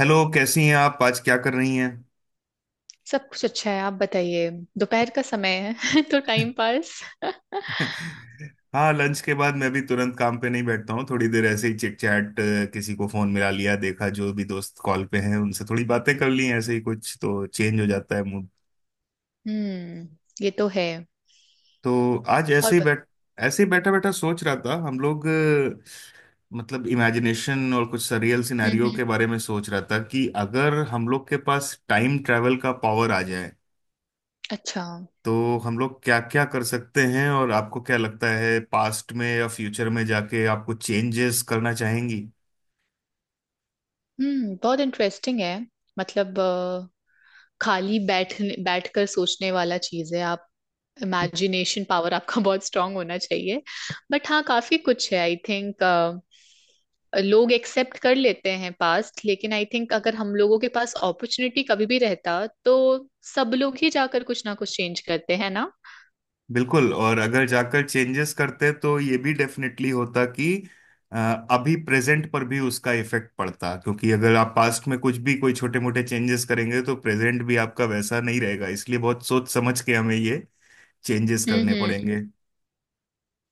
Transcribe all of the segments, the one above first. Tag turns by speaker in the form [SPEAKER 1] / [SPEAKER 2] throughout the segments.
[SPEAKER 1] Hello, कैसी हैं आप? आज क्या कर रही हैं?
[SPEAKER 2] सब कुछ अच्छा है। आप बताइए। दोपहर का समय है। तो टाइम पास।
[SPEAKER 1] हाँ, लंच के बाद मैं भी तुरंत काम पे नहीं बैठता हूँ। थोड़ी देर ऐसे ही चिट चैट, किसी को फोन मिला लिया, देखा जो भी दोस्त कॉल पे हैं उनसे थोड़ी बातें कर ली। ऐसे ही कुछ तो चेंज हो जाता है मूड।
[SPEAKER 2] हम्म, ये तो है।
[SPEAKER 1] तो आज
[SPEAKER 2] और
[SPEAKER 1] ऐसे ही बैठ, ऐसे ही बैठा बैठा सोच रहा था। हम लोग मतलब इमेजिनेशन और कुछ सरियल
[SPEAKER 2] हम्म
[SPEAKER 1] सिनेरियो
[SPEAKER 2] हम्म,
[SPEAKER 1] के बारे में सोच रहा था कि अगर हम लोग के पास टाइम ट्रैवल का पावर आ जाए
[SPEAKER 2] अच्छा।
[SPEAKER 1] तो हम लोग क्या क्या कर सकते हैं। और आपको क्या लगता है, पास्ट में या फ्यूचर में जाके आपको चेंजेस करना चाहेंगी?
[SPEAKER 2] हम्म, बहुत इंटरेस्टिंग है। मतलब खाली बैठने बैठकर सोचने वाला चीज है आप। इमेजिनेशन पावर आपका बहुत स्ट्रांग होना चाहिए। बट हाँ, काफी कुछ है आई थिंक। लोग एक्सेप्ट कर लेते हैं पास्ट, लेकिन आई थिंक अगर हम लोगों के पास अपॉर्चुनिटी कभी भी रहता तो सब लोग ही जाकर कुछ ना कुछ चेंज करते हैं ना।
[SPEAKER 1] बिल्कुल। और अगर जाकर चेंजेस करते तो ये भी डेफिनेटली होता कि अ, अभी प्रेजेंट पर भी उसका इफेक्ट पड़ता, क्योंकि अगर आप पास्ट में कुछ भी कोई छोटे मोटे चेंजेस करेंगे तो प्रेजेंट भी आपका वैसा नहीं रहेगा। इसलिए बहुत सोच समझ के हमें ये चेंजेस करने
[SPEAKER 2] हम्म
[SPEAKER 1] पड़ेंगे।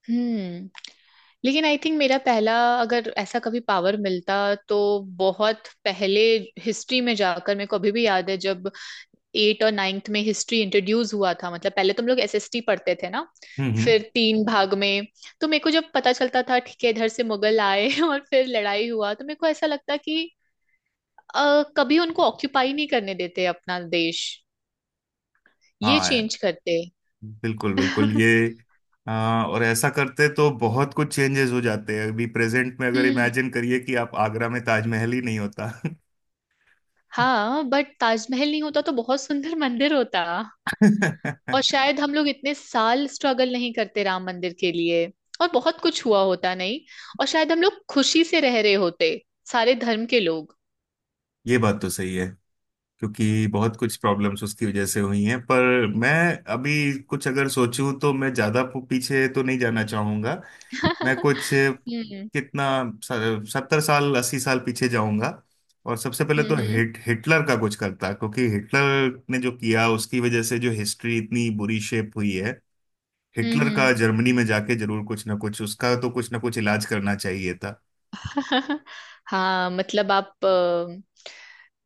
[SPEAKER 2] हम्म। लेकिन आई थिंक मेरा पहला, अगर ऐसा कभी पावर मिलता तो बहुत पहले हिस्ट्री में जाकर। मेरे को अभी भी याद है जब एट और नाइन्थ में हिस्ट्री इंट्रोड्यूस हुआ था, मतलब पहले तो हम लोग एसएसटी पढ़ते थे ना,
[SPEAKER 1] हम्म।
[SPEAKER 2] फिर तीन भाग में। तो मेरे को जब पता चलता था ठीक है, इधर से मुगल आए और फिर लड़ाई हुआ तो मेरे को ऐसा लगता कि कभी उनको ऑक्यूपाई नहीं करने देते अपना देश, ये
[SPEAKER 1] हाँ,
[SPEAKER 2] चेंज करते।
[SPEAKER 1] बिल्कुल बिल्कुल। ये और ऐसा करते तो बहुत कुछ चेंजेस हो जाते हैं अभी प्रेजेंट में। अगर
[SPEAKER 2] हम्म।
[SPEAKER 1] इमेजिन करिए कि आप आगरा में ताजमहल ही नहीं होता।
[SPEAKER 2] हाँ, बट ताजमहल नहीं होता तो बहुत सुंदर मंदिर होता। और शायद हम लोग इतने साल स्ट्रगल नहीं करते राम मंदिर के लिए, और बहुत कुछ हुआ होता नहीं। और शायद हम लोग खुशी से रह रहे होते, सारे धर्म के लोग।
[SPEAKER 1] ये बात तो सही है, क्योंकि बहुत कुछ प्रॉब्लम्स उसकी वजह से हुई हैं। पर मैं अभी कुछ अगर सोचूं तो मैं ज़्यादा पीछे तो नहीं जाना चाहूंगा। मैं कुछ,
[SPEAKER 2] हम्म
[SPEAKER 1] कितना, 70 साल 80 साल पीछे जाऊंगा। और सबसे पहले तो
[SPEAKER 2] हम्म
[SPEAKER 1] हिटलर का कुछ करता, क्योंकि हिटलर ने जो किया उसकी वजह से जो हिस्ट्री इतनी बुरी शेप हुई है। हिटलर का
[SPEAKER 2] हम्म
[SPEAKER 1] जर्मनी में जाके जरूर कुछ ना कुछ, उसका तो कुछ ना कुछ इलाज करना चाहिए था।
[SPEAKER 2] हम्म। हाँ मतलब आप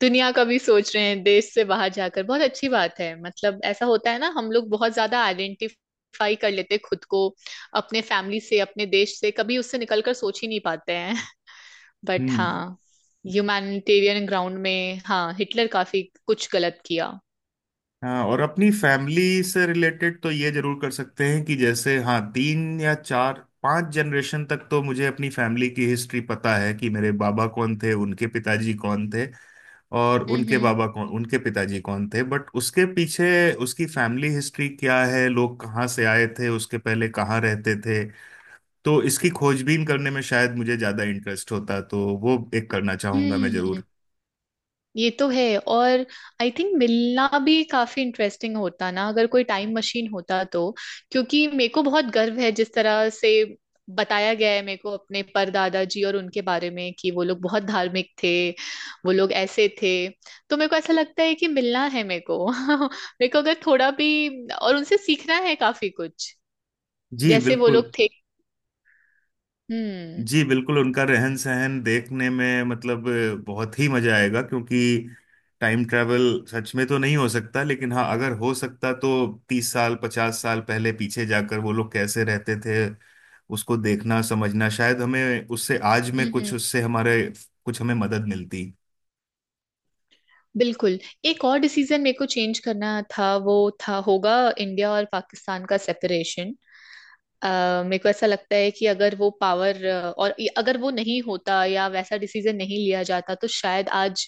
[SPEAKER 2] दुनिया का भी सोच रहे हैं देश से बाहर जाकर, बहुत अच्छी बात है। मतलब ऐसा होता है ना, हम लोग बहुत ज्यादा आइडेंटिफाई कर लेते हैं खुद को अपने फैमिली से अपने देश से, कभी उससे निकलकर सोच ही नहीं पाते। बट
[SPEAKER 1] हम्म।
[SPEAKER 2] हाँ, ह्यूमैनिटेरियन ग्राउंड में हाँ, हिटलर काफी कुछ गलत किया।
[SPEAKER 1] हाँ, और अपनी फैमिली से रिलेटेड तो ये जरूर कर सकते हैं कि जैसे हाँ, 3 या 4 5 जनरेशन तक तो मुझे अपनी फैमिली की हिस्ट्री पता है कि मेरे बाबा कौन थे, उनके पिताजी कौन थे, और उनके
[SPEAKER 2] हम्म
[SPEAKER 1] बाबा कौन, उनके पिताजी कौन थे। बट उसके पीछे उसकी फैमिली हिस्ट्री क्या है, लोग कहाँ से आए थे, उसके पहले कहाँ रहते थे, तो इसकी खोजबीन करने में शायद मुझे ज्यादा इंटरेस्ट होता, तो वो एक करना
[SPEAKER 2] हम्म।
[SPEAKER 1] चाहूंगा मैं
[SPEAKER 2] हम्म,
[SPEAKER 1] जरूर।
[SPEAKER 2] ये तो है। और आई थिंक मिलना भी काफी इंटरेस्टिंग होता ना, अगर कोई टाइम मशीन होता तो। क्योंकि मेरे को बहुत गर्व है जिस तरह से बताया गया है मेरे को अपने परदादा जी और उनके बारे में, कि वो लोग बहुत धार्मिक थे, वो लोग ऐसे थे। तो मेरे को ऐसा लगता है कि मिलना है मेरे को। मेरे को अगर थोड़ा भी और उनसे सीखना है काफी कुछ,
[SPEAKER 1] जी
[SPEAKER 2] जैसे वो
[SPEAKER 1] बिल्कुल।
[SPEAKER 2] लोग थे। हम्म
[SPEAKER 1] जी बिल्कुल, उनका रहन सहन देखने में मतलब बहुत ही मजा आएगा, क्योंकि टाइम ट्रैवल सच में तो नहीं हो सकता, लेकिन हाँ अगर हो सकता तो 30 साल 50 साल पहले पीछे जाकर वो लोग कैसे रहते थे, उसको देखना समझना, शायद हमें उससे आज में
[SPEAKER 2] हम्म।
[SPEAKER 1] कुछ उससे हमारे कुछ हमें मदद मिलती।
[SPEAKER 2] बिल्कुल। एक और डिसीजन मेरे को चेंज करना था, वो था होगा इंडिया और पाकिस्तान का सेपरेशन। अ मेरे को ऐसा लगता है कि अगर वो पावर और अगर वो नहीं होता या वैसा डिसीजन नहीं लिया जाता तो शायद आज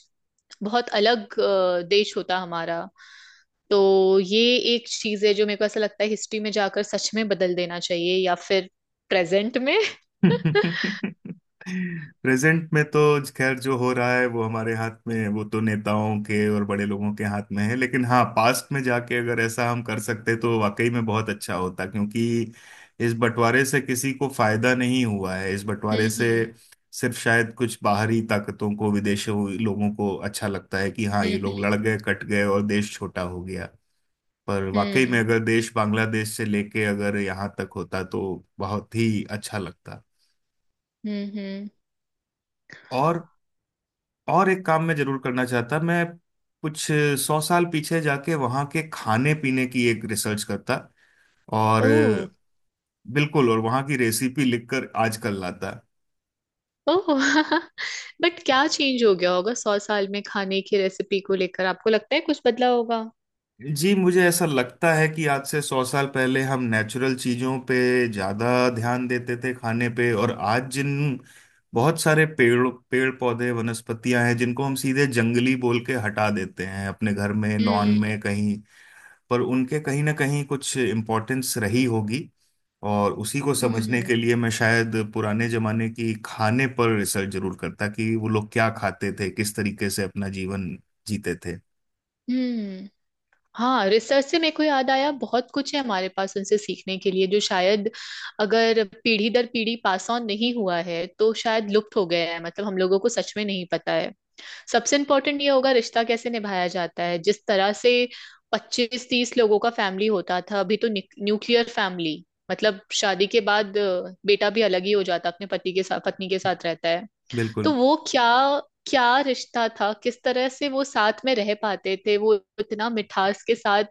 [SPEAKER 2] बहुत अलग देश होता हमारा। तो ये एक चीज है जो मेरे को ऐसा लगता है हिस्ट्री में जाकर सच में बदल देना चाहिए, या फिर प्रेजेंट में।
[SPEAKER 1] प्रेजेंट में तो खैर जो हो रहा है, वो हमारे हाथ में है, वो तो नेताओं के और बड़े लोगों के हाथ में है। लेकिन हाँ, पास्ट में जाके अगर ऐसा हम कर सकते तो वाकई में बहुत अच्छा होता, क्योंकि इस बंटवारे से किसी को फायदा नहीं हुआ है। इस बंटवारे से
[SPEAKER 2] हम्म
[SPEAKER 1] सिर्फ शायद कुछ बाहरी ताकतों को, विदेशों लोगों को अच्छा लगता है कि हाँ, ये
[SPEAKER 2] हम्म
[SPEAKER 1] लोग
[SPEAKER 2] हम्म
[SPEAKER 1] लड़ गए, कट गए और देश छोटा हो गया। पर वाकई में
[SPEAKER 2] हम्म
[SPEAKER 1] अगर देश बांग्लादेश से लेके अगर यहाँ तक होता तो बहुत ही अच्छा लगता।
[SPEAKER 2] हम्म।
[SPEAKER 1] और और एक काम मैं जरूर करना चाहता। मैं कुछ 100 साल पीछे जाके वहाँ के खाने पीने की एक रिसर्च करता। और
[SPEAKER 2] ओह।
[SPEAKER 1] बिल्कुल, और वहाँ की रेसिपी लिखकर आज कल लाता।
[SPEAKER 2] ओह। बट क्या चेंज हो गया होगा सौ साल में खाने की रेसिपी को लेकर, आपको लगता है कुछ बदला होगा?
[SPEAKER 1] जी, मुझे ऐसा लगता है कि आज से 100 साल पहले हम नेचुरल चीज़ों पे ज़्यादा ध्यान देते थे खाने पे। और आज जिन बहुत सारे पेड़ पेड़ पौधे वनस्पतियां हैं जिनको हम सीधे जंगली बोल के हटा देते हैं अपने घर में, लॉन
[SPEAKER 2] हम्म
[SPEAKER 1] में कहीं, पर उनके कहीं ना कहीं कुछ इम्पोर्टेंस रही होगी। और उसी को समझने
[SPEAKER 2] हम्म
[SPEAKER 1] के लिए मैं शायद पुराने जमाने की खाने पर रिसर्च जरूर करता कि वो लोग क्या खाते थे, किस तरीके से अपना जीवन जीते थे।
[SPEAKER 2] हम्म। हाँ, रिसर्च से मेरे को याद आया, बहुत कुछ है हमारे पास उनसे सीखने के लिए जो शायद अगर पीढ़ी दर पीढ़ी पास ऑन नहीं हुआ है तो शायद लुप्त हो गया है, मतलब हम लोगों को सच में नहीं पता है। सबसे इम्पोर्टेंट ये होगा रिश्ता कैसे निभाया जाता है। जिस तरह से पच्चीस तीस लोगों का फैमिली होता था, अभी तो न्यूक्लियर फैमिली। मतलब शादी के बाद बेटा भी अलग ही हो जाता है, अपने पति के साथ पत्नी के साथ रहता है। तो
[SPEAKER 1] बिल्कुल।
[SPEAKER 2] वो क्या, क्या रिश्ता था किस तरह से वो साथ में रह पाते थे वो, इतना मिठास के साथ,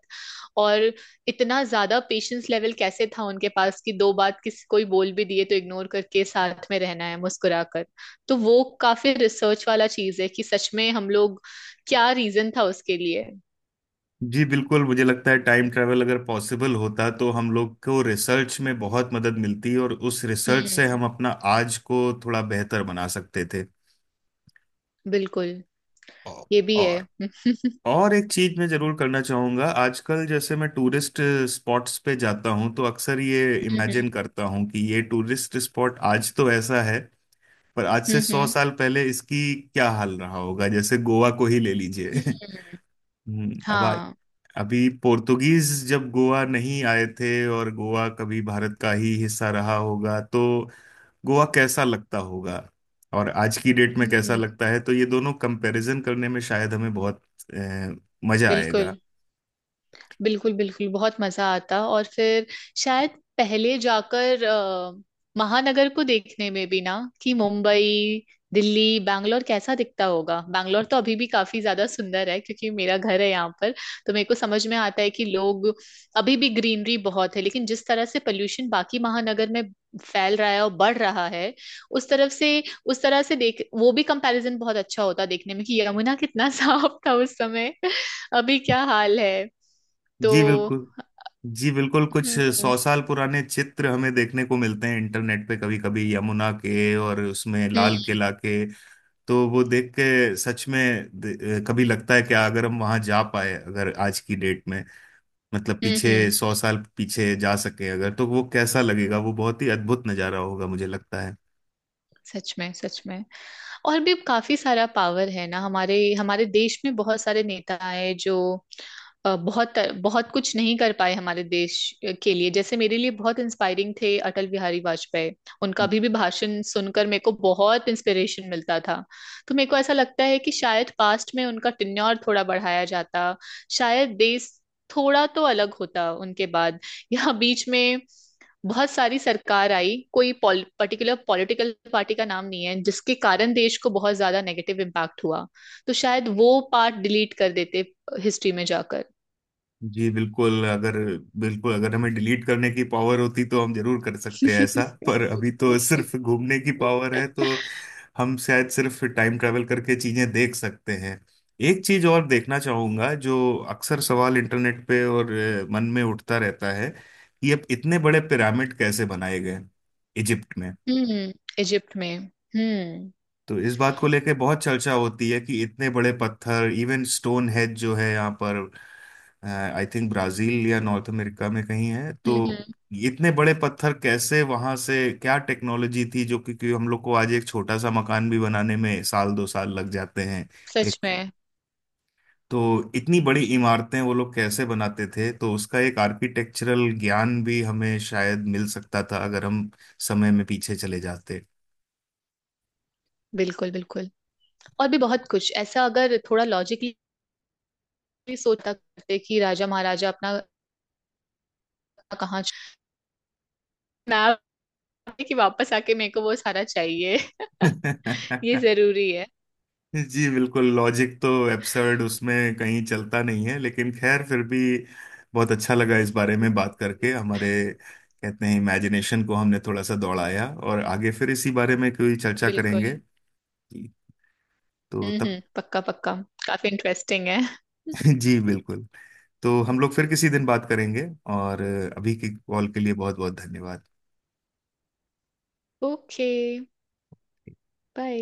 [SPEAKER 2] और इतना ज्यादा पेशेंस लेवल कैसे था उनके पास कि दो बात किसी कोई बोल भी दिए तो इग्नोर करके साथ में रहना है मुस्कुराकर। तो वो काफी रिसर्च वाला चीज है कि सच में हम लोग, क्या रीजन था उसके लिए।
[SPEAKER 1] जी बिल्कुल, मुझे लगता है टाइम ट्रैवल अगर पॉसिबल होता तो हम लोग को रिसर्च में बहुत मदद मिलती, और उस रिसर्च से
[SPEAKER 2] हम्म।
[SPEAKER 1] हम अपना आज को थोड़ा बेहतर बना सकते थे।
[SPEAKER 2] बिल्कुल, ये भी है।
[SPEAKER 1] और और एक चीज मैं जरूर करना चाहूंगा। आजकल जैसे मैं टूरिस्ट स्पॉट्स पे जाता हूँ तो अक्सर ये इमेजिन करता हूँ कि ये टूरिस्ट स्पॉट आज तो ऐसा है, पर आज
[SPEAKER 2] हम्म
[SPEAKER 1] से
[SPEAKER 2] हम्म
[SPEAKER 1] सौ
[SPEAKER 2] हम्म,
[SPEAKER 1] साल पहले इसकी क्या हाल रहा होगा। जैसे गोवा को ही ले लीजिए।
[SPEAKER 2] हम्म,
[SPEAKER 1] अब
[SPEAKER 2] हाँ।
[SPEAKER 1] अभी पोर्तुगीज जब गोवा नहीं आए थे और गोवा कभी भारत का ही हिस्सा रहा होगा, तो गोवा कैसा लगता होगा और आज की डेट में कैसा
[SPEAKER 2] हम्म,
[SPEAKER 1] लगता है, तो ये दोनों कंपैरिजन करने में शायद हमें बहुत अ, मजा आएगा।
[SPEAKER 2] बिल्कुल बिल्कुल। बिल्कुल, बहुत मजा आता। और फिर शायद पहले जाकर महानगर को देखने में भी ना, कि मुंबई, दिल्ली, बैंगलोर कैसा दिखता होगा। बैंगलोर तो अभी भी काफी ज्यादा सुंदर है क्योंकि मेरा घर है यहाँ पर, तो मेरे को समझ में आता है कि लोग अभी भी ग्रीनरी बहुत है। लेकिन जिस तरह से पोल्यूशन बाकी महानगर में फैल रहा है और बढ़ रहा है, उस तरफ से उस तरह से देख, वो भी कंपैरिजन बहुत अच्छा होता देखने में, कि यमुना कितना साफ था उस समय, अभी क्या हाल है। तो
[SPEAKER 1] जी बिल्कुल। जी बिल्कुल, कुछ
[SPEAKER 2] हम्म
[SPEAKER 1] 100 साल पुराने चित्र हमें देखने को मिलते हैं इंटरनेट पे कभी कभी, यमुना के और उसमें
[SPEAKER 2] हम्म
[SPEAKER 1] लाल किला के, तो वो देख के सच में कभी लगता है कि अगर हम वहां जा पाए, अगर आज की डेट में मतलब
[SPEAKER 2] हम्म
[SPEAKER 1] पीछे
[SPEAKER 2] हम्म,
[SPEAKER 1] 100 साल पीछे जा सके अगर, तो वो कैसा लगेगा, वो बहुत ही अद्भुत नजारा होगा मुझे लगता है।
[SPEAKER 2] सच में सच में। और भी काफी सारा पावर है ना। हमारे हमारे देश में बहुत सारे नेता आए जो बहुत, बहुत कुछ नहीं कर पाए हमारे देश के लिए। जैसे मेरे लिए बहुत इंस्पायरिंग थे अटल बिहारी वाजपेयी, उनका अभी भी भाषण सुनकर मेरे को बहुत इंस्पिरेशन मिलता था। तो मेरे को ऐसा लगता है कि शायद पास्ट में उनका टिन्योर थोड़ा बढ़ाया जाता, शायद देश थोड़ा तो अलग होता उनके बाद। या बीच में बहुत सारी सरकार आई, कोई पर्टिकुलर पॉलिटिकल पार्टी का नाम नहीं है जिसके कारण देश को बहुत ज्यादा नेगेटिव इम्पैक्ट हुआ, तो शायद वो पार्ट डिलीट कर देते हिस्ट्री में जाकर।
[SPEAKER 1] जी बिल्कुल, अगर हमें डिलीट करने की पावर होती तो हम जरूर कर सकते हैं ऐसा, पर अभी तो सिर्फ घूमने की पावर है, तो हम शायद सिर्फ टाइम ट्रैवल करके चीजें देख सकते हैं। एक चीज और देखना चाहूंगा जो अक्सर सवाल इंटरनेट पे और मन में उठता रहता है कि अब इतने बड़े पिरामिड कैसे बनाए गए इजिप्ट में।
[SPEAKER 2] हम्म। इजिप्ट में।
[SPEAKER 1] तो इस बात को लेकर बहुत चर्चा होती है कि इतने बड़े पत्थर, इवन स्टोन हेड जो है यहाँ पर, आई थिंक ब्राजील या नॉर्थ अमेरिका में कहीं है, तो
[SPEAKER 2] हम्म।
[SPEAKER 1] इतने बड़े पत्थर कैसे वहां से, क्या टेक्नोलॉजी थी जो कि हम लोग को आज एक छोटा सा मकान भी बनाने में साल 2 साल लग जाते हैं एक,
[SPEAKER 2] सच में।
[SPEAKER 1] तो इतनी बड़ी इमारतें वो लोग कैसे बनाते थे? तो उसका एक आर्किटेक्चरल ज्ञान भी हमें शायद मिल सकता था अगर हम समय में पीछे चले जाते।
[SPEAKER 2] बिल्कुल बिल्कुल। और भी बहुत कुछ ऐसा अगर थोड़ा लॉजिकली सोचा करते, कि राजा महाराजा अपना कहाँ मैं आपकी, कि वापस आके मेरे को वो सारा चाहिए। ये जरूरी है।
[SPEAKER 1] जी बिल्कुल, लॉजिक तो एब्सर्ड उसमें कहीं चलता नहीं है, लेकिन खैर फिर भी बहुत अच्छा लगा इस बारे में बात करके। हमारे कहते हैं इमेजिनेशन को हमने थोड़ा सा दौड़ाया, और आगे फिर इसी बारे में कोई चर्चा
[SPEAKER 2] बिल्कुल।
[SPEAKER 1] करेंगे। जी। तो तब
[SPEAKER 2] हम्म, पक्का पक्का। काफी इंटरेस्टिंग है।
[SPEAKER 1] जी बिल्कुल, तो हम लोग फिर किसी दिन बात करेंगे। और अभी की कॉल के लिए बहुत बहुत धन्यवाद।
[SPEAKER 2] ओके। बाय।